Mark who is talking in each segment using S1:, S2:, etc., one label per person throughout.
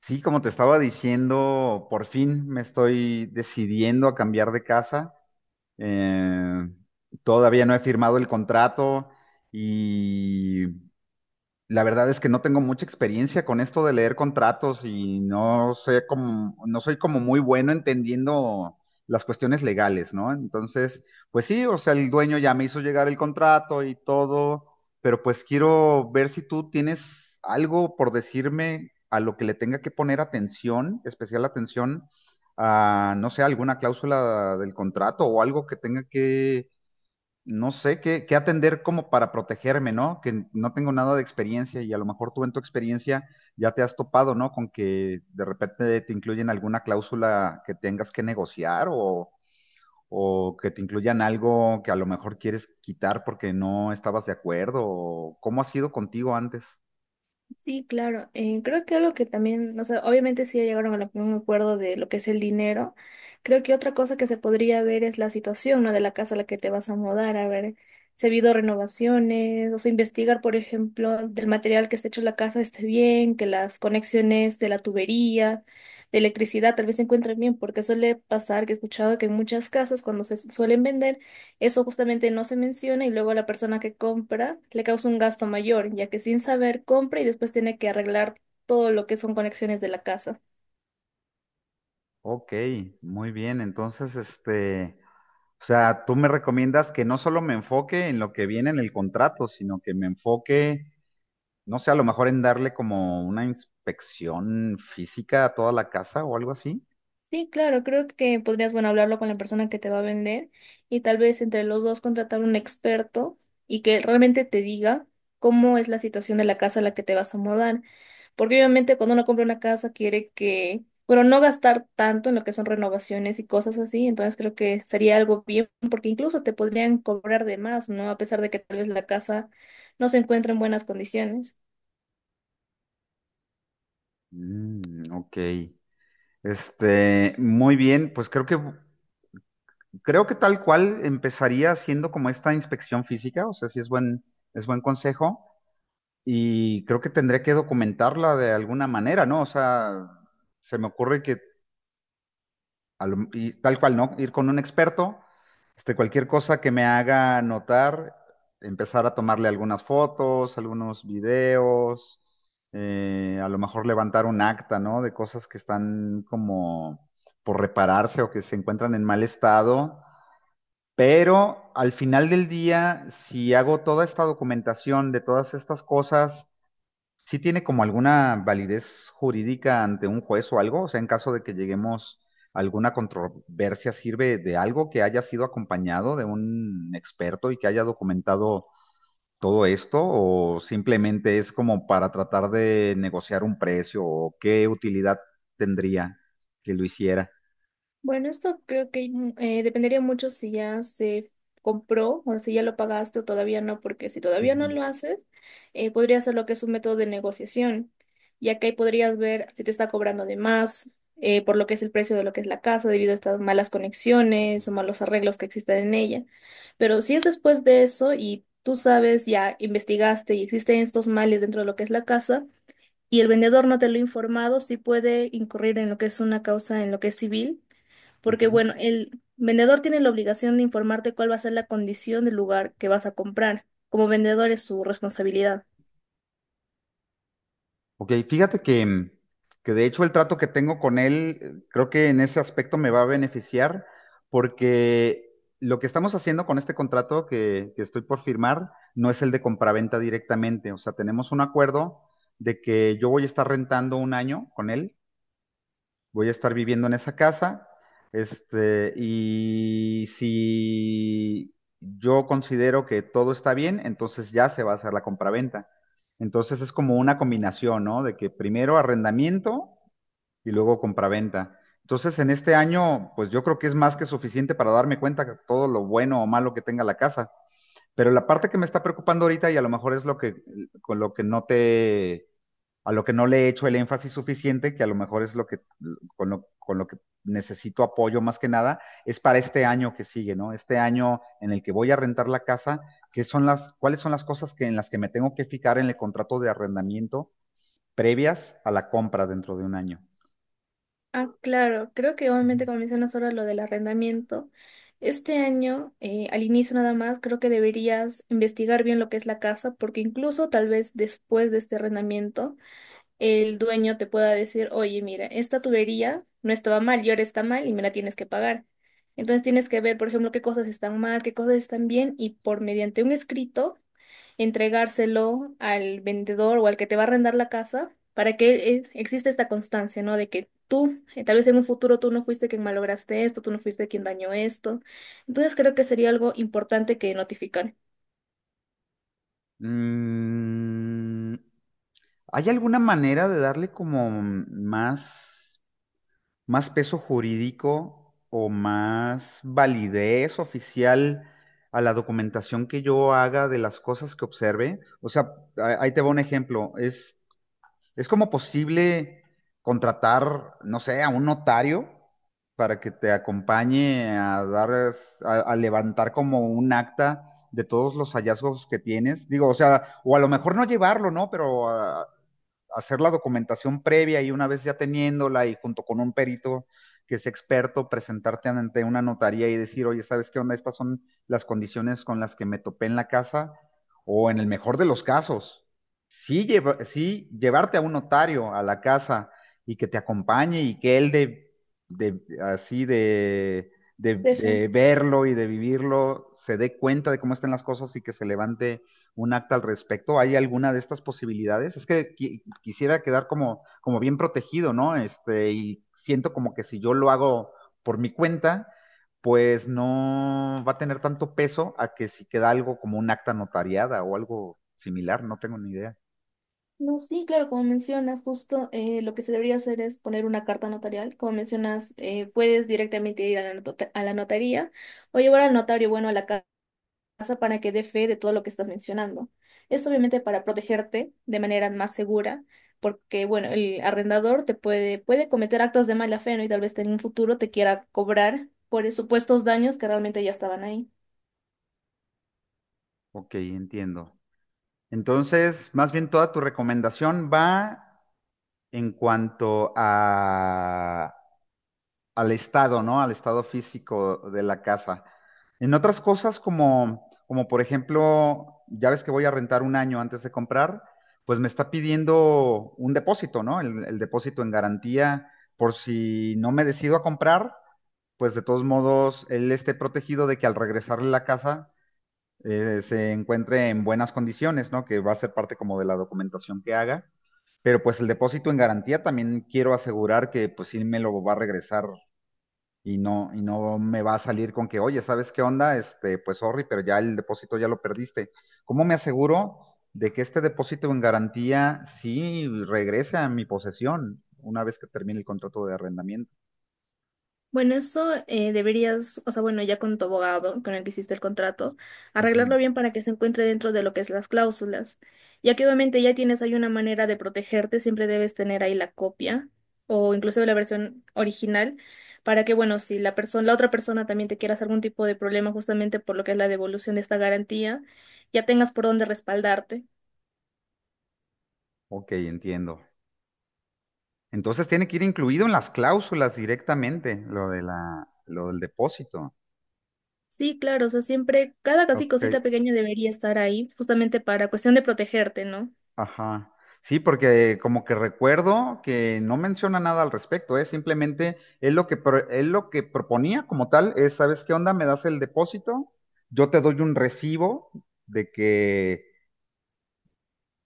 S1: Sí, como te estaba diciendo, por fin me estoy decidiendo a cambiar de casa. Eh, todavía no he firmado el contrato y la verdad es que no tengo mucha experiencia con esto de leer contratos y no sé cómo, no soy como muy bueno entendiendo las cuestiones legales, ¿no? Entonces, pues sí, o sea, el dueño ya me hizo llegar el contrato y todo, pero pues quiero ver si tú tienes algo por decirme a lo que le tenga que poner atención, especial atención a, no sé, alguna cláusula del contrato o algo que tenga que no sé qué, qué atender como para protegerme, ¿no? Que no tengo nada de experiencia y a lo mejor tú en tu experiencia ya te has topado, ¿no? Con que de repente te incluyen alguna cláusula que tengas que negociar o que te incluyan algo que a lo mejor quieres quitar porque no estabas de acuerdo o cómo ha sido contigo antes.
S2: Sí, claro. Creo que algo que también, o sea, obviamente sí ya llegaron a un acuerdo de lo que es el dinero. Creo que otra cosa que se podría ver es la situación, ¿no? De la casa a la que te vas a mudar, a ver si ha habido renovaciones, o sea, investigar, por ejemplo, del material que está hecho la casa esté bien, que las conexiones de la tubería, de electricidad, tal vez se encuentren bien, porque suele pasar que he escuchado que en muchas casas cuando se suelen vender eso justamente no se menciona y luego a la persona que compra le causa un gasto mayor, ya que sin saber compra y después tiene que arreglar todo lo que son conexiones de la casa.
S1: Ok, muy bien. Entonces, este, o sea, tú me recomiendas que no solo me enfoque en lo que viene en el contrato, sino que me enfoque, no sé, a lo mejor en darle como una inspección física a toda la casa o algo así.
S2: Sí, claro, creo que podrías, bueno, hablarlo con la persona que te va a vender y tal vez entre los dos contratar un experto y que él realmente te diga cómo es la situación de la casa a la que te vas a mudar. Porque obviamente cuando uno compra una casa quiere que, bueno, no gastar tanto en lo que son renovaciones y cosas así, entonces creo que sería algo bien, porque incluso te podrían cobrar de más, ¿no? A pesar de que tal vez la casa no se encuentra en buenas condiciones.
S1: Mm, ok. Este, muy bien, pues creo que tal cual empezaría haciendo como esta inspección física, o sea, sí es buen consejo y creo que tendré que documentarla de alguna manera, ¿no? O sea, se me ocurre que y tal cual, ¿no? Ir con un experto, este, cualquier cosa que me haga notar, empezar a tomarle algunas fotos, algunos videos, a lo mejor levantar un acta, ¿no? De cosas que están como por repararse o que se encuentran en mal estado. Pero al final del día, si hago toda esta documentación de todas estas cosas, ¿sí tiene como alguna validez jurídica ante un juez o algo? O sea, en caso de que lleguemos a alguna controversia, ¿sirve de algo que haya sido acompañado de un experto y que haya documentado todo esto? ¿O simplemente es como para tratar de negociar un precio? ¿O qué utilidad tendría que lo hiciera?
S2: Bueno, esto creo que dependería mucho si ya se compró o si ya lo pagaste o todavía no, porque si todavía no
S1: Ujú,
S2: lo haces, podría ser lo que es un método de negociación, ya que ahí podrías ver si te está cobrando de más, por lo que es el precio de lo que es la casa, debido a estas malas conexiones o malos arreglos que existen en ella. Pero si es después de eso y tú sabes, ya investigaste y existen estos males dentro de lo que es la casa, y el vendedor no te lo ha informado, sí puede incurrir en lo que es una causa, en lo que es civil, porque
S1: ujú.
S2: bueno, el vendedor tiene la obligación de informarte cuál va a ser la condición del lugar que vas a comprar. Como vendedor es su responsabilidad.
S1: Ok, fíjate que, mm, que de hecho el trato que tengo con él, creo que en ese aspecto me va a beneficiar porque lo que estamos haciendo con este contrato que estoy por firmar no es el de compraventa directamente. O sea, tenemos un acuerdo de que yo voy a estar rentando un año con él, voy a estar viviendo en esa casa, este, y si yo considero que todo está bien, entonces ya se va a hacer la compraventa. Entonces es como una combinación, ¿no? De que primero arrendamiento y luego compraventa. Entonces en este año, pues yo creo que es más que suficiente para darme cuenta de todo lo bueno o malo que tenga la casa. Pero la parte que me está preocupando ahorita, y a lo mejor es lo con lo que no te, a lo que no le he hecho el énfasis suficiente, que a lo mejor es lo con lo que necesito apoyo más que nada, es para este año que sigue, ¿no? Este año en el que voy a rentar la casa, ¿qué son cuáles son las cosas en las que me tengo que fijar en el contrato de arrendamiento previas a la compra dentro de un año?
S2: Ah, claro, creo que
S1: Ujú.
S2: obviamente como mencionas ahora lo del arrendamiento, este año, al inicio nada más, creo que deberías investigar bien lo que es la casa, porque incluso tal vez después de este arrendamiento, el dueño te pueda decir, oye, mira, esta tubería no estaba mal y ahora está mal y me la tienes que pagar. Entonces tienes que ver, por ejemplo, qué cosas están mal, qué cosas están bien y por mediante un escrito entregárselo al vendedor o al que te va a arrendar la casa para que exista esta constancia, ¿no? De que tú, tal vez en un futuro tú no fuiste quien malograste esto, tú no fuiste quien dañó esto. Entonces creo que sería algo importante que notificar.
S1: Mm, ¿hay alguna manera de darle como más? Más peso jurídico o más validez oficial a la documentación que yo haga de las cosas que observe. O sea, ahí te va un ejemplo. Es como posible contratar, no sé, a un notario para que te acompañe a a levantar como un acta de todos los hallazgos que tienes. Digo, o sea, o a lo mejor no llevarlo, ¿no? Pero hacer la documentación previa y una vez ya teniéndola y junto con un perito que es experto, presentarte ante una notaría y decir, oye, ¿sabes qué onda? Estas son las condiciones con las que me topé en la casa o en el mejor de los casos. Sí, sí llevarte a un notario a la casa y que te acompañe y que él de así de verlo y de vivirlo se dé cuenta de cómo están las cosas y que se levante un acta al respecto. ¿Hay alguna de estas posibilidades? Es que quisiera quedar como bien protegido, ¿no? Este, y siento como que si yo lo hago por mi cuenta, pues no va a tener tanto peso a que si queda algo como un acta notariada o algo similar, no tengo ni idea.
S2: No, sí, claro, como mencionas, justo lo que se debería hacer es poner una carta notarial. Como mencionas, puedes directamente ir a la, a la notaría o llevar al notario, bueno, a la casa para que dé fe de todo lo que estás mencionando. Es obviamente para protegerte de manera más segura, porque, bueno, el arrendador te puede cometer actos de mala fe, ¿no? Y tal vez en un futuro te quiera cobrar por supuestos daños que realmente ya estaban ahí.
S1: Ok, entiendo. Entonces, más bien toda tu recomendación va en cuanto a al estado, ¿no? Al estado físico de la casa. En otras cosas como por ejemplo, ya ves que voy a rentar un año antes de comprar, pues me está pidiendo un depósito, ¿no? El depósito en garantía por si no me decido a comprar, pues de todos modos él esté protegido de que al regresarle la casa, se encuentre en buenas condiciones, ¿no? Que va a ser parte como de la documentación que haga. Pero pues el depósito en garantía también quiero asegurar que pues sí me lo va a regresar y no me va a salir con que, oye, ¿sabes qué onda? Este, pues sorry, pero ya el depósito ya lo perdiste. ¿Cómo me aseguro de que este depósito en garantía sí regrese a mi posesión una vez que termine el contrato de arrendamiento?
S2: Bueno, eso deberías, o sea, bueno, ya con tu abogado con el que hiciste el contrato,
S1: Ujú.
S2: arreglarlo bien para que se encuentre dentro de lo que es las cláusulas. Ya que obviamente ya tienes ahí una manera de protegerte, siempre debes tener ahí la copia o incluso la versión original para que, bueno, si la persona, la otra persona también te quiera hacer algún tipo de problema justamente por lo que es la devolución de esta garantía, ya tengas por dónde respaldarte.
S1: Ok, entiendo. Entonces tiene que ir incluido en las cláusulas directamente, lo de lo del depósito.
S2: Sí, claro, o sea, siempre cada casi
S1: Ok,
S2: cosita pequeña debería estar ahí justamente para cuestión de protegerte, ¿no?
S1: ajá. Sí, porque como que recuerdo que no menciona nada al respecto, ¿eh? Simplemente él lo que proponía como tal es, ¿sabes qué onda? Me das el depósito, yo te doy un recibo de que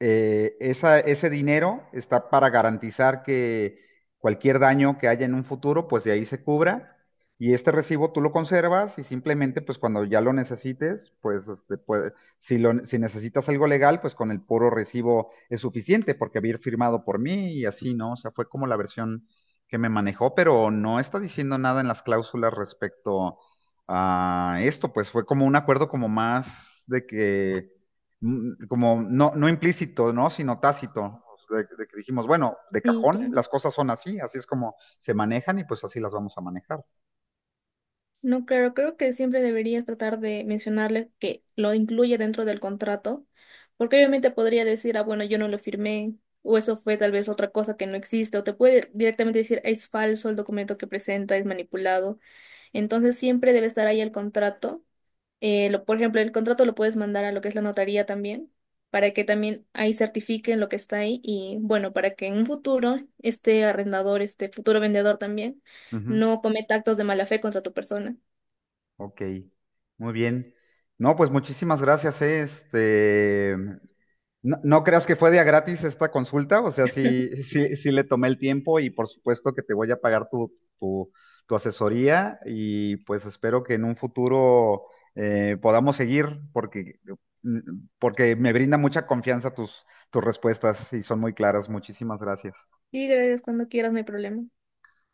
S1: ese dinero está para garantizar que cualquier daño que haya en un futuro, pues de ahí se cubra. Y este recibo tú lo conservas y simplemente, pues cuando ya lo necesites, pues, este, pues, si necesitas algo legal, pues con el puro recibo es suficiente porque había firmado por mí y así, ¿no? O sea, fue como la versión que me manejó, pero no está diciendo nada en las cláusulas respecto a esto, pues fue como un acuerdo como más de que mm, como no implícito, ¿no? Sino tácito. De que dijimos, bueno, de
S2: Sí,
S1: cajón,
S2: claro.
S1: las cosas son así, así es como se manejan y pues así las vamos a manejar.
S2: No, claro, creo que siempre deberías tratar de mencionarle que lo incluye dentro del contrato, porque obviamente podría decir, ah, bueno, yo no lo firmé, o eso fue tal vez otra cosa que no existe, o te puede directamente decir, es falso el documento que presenta, es manipulado. Entonces siempre debe estar ahí el contrato. Lo, por ejemplo, el contrato lo puedes mandar a lo que es la notaría también, para que también ahí certifiquen lo que está ahí y bueno, para que en un futuro este arrendador, este futuro vendedor también,
S1: Ujú,
S2: no cometa actos de mala fe contra tu persona.
S1: ok, muy bien. No, pues muchísimas gracias, este, no, no creas que fue de a gratis esta consulta, o sea, sí, sí, sí le tomé el tiempo y por supuesto que te voy a pagar tu asesoría y pues espero que en un futuro podamos seguir porque me brinda mucha confianza tus respuestas y son muy claras. Muchísimas gracias.
S2: Y gracias cuando quieras, no hay problema.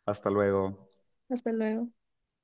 S1: Hasta luego.
S2: Hasta luego.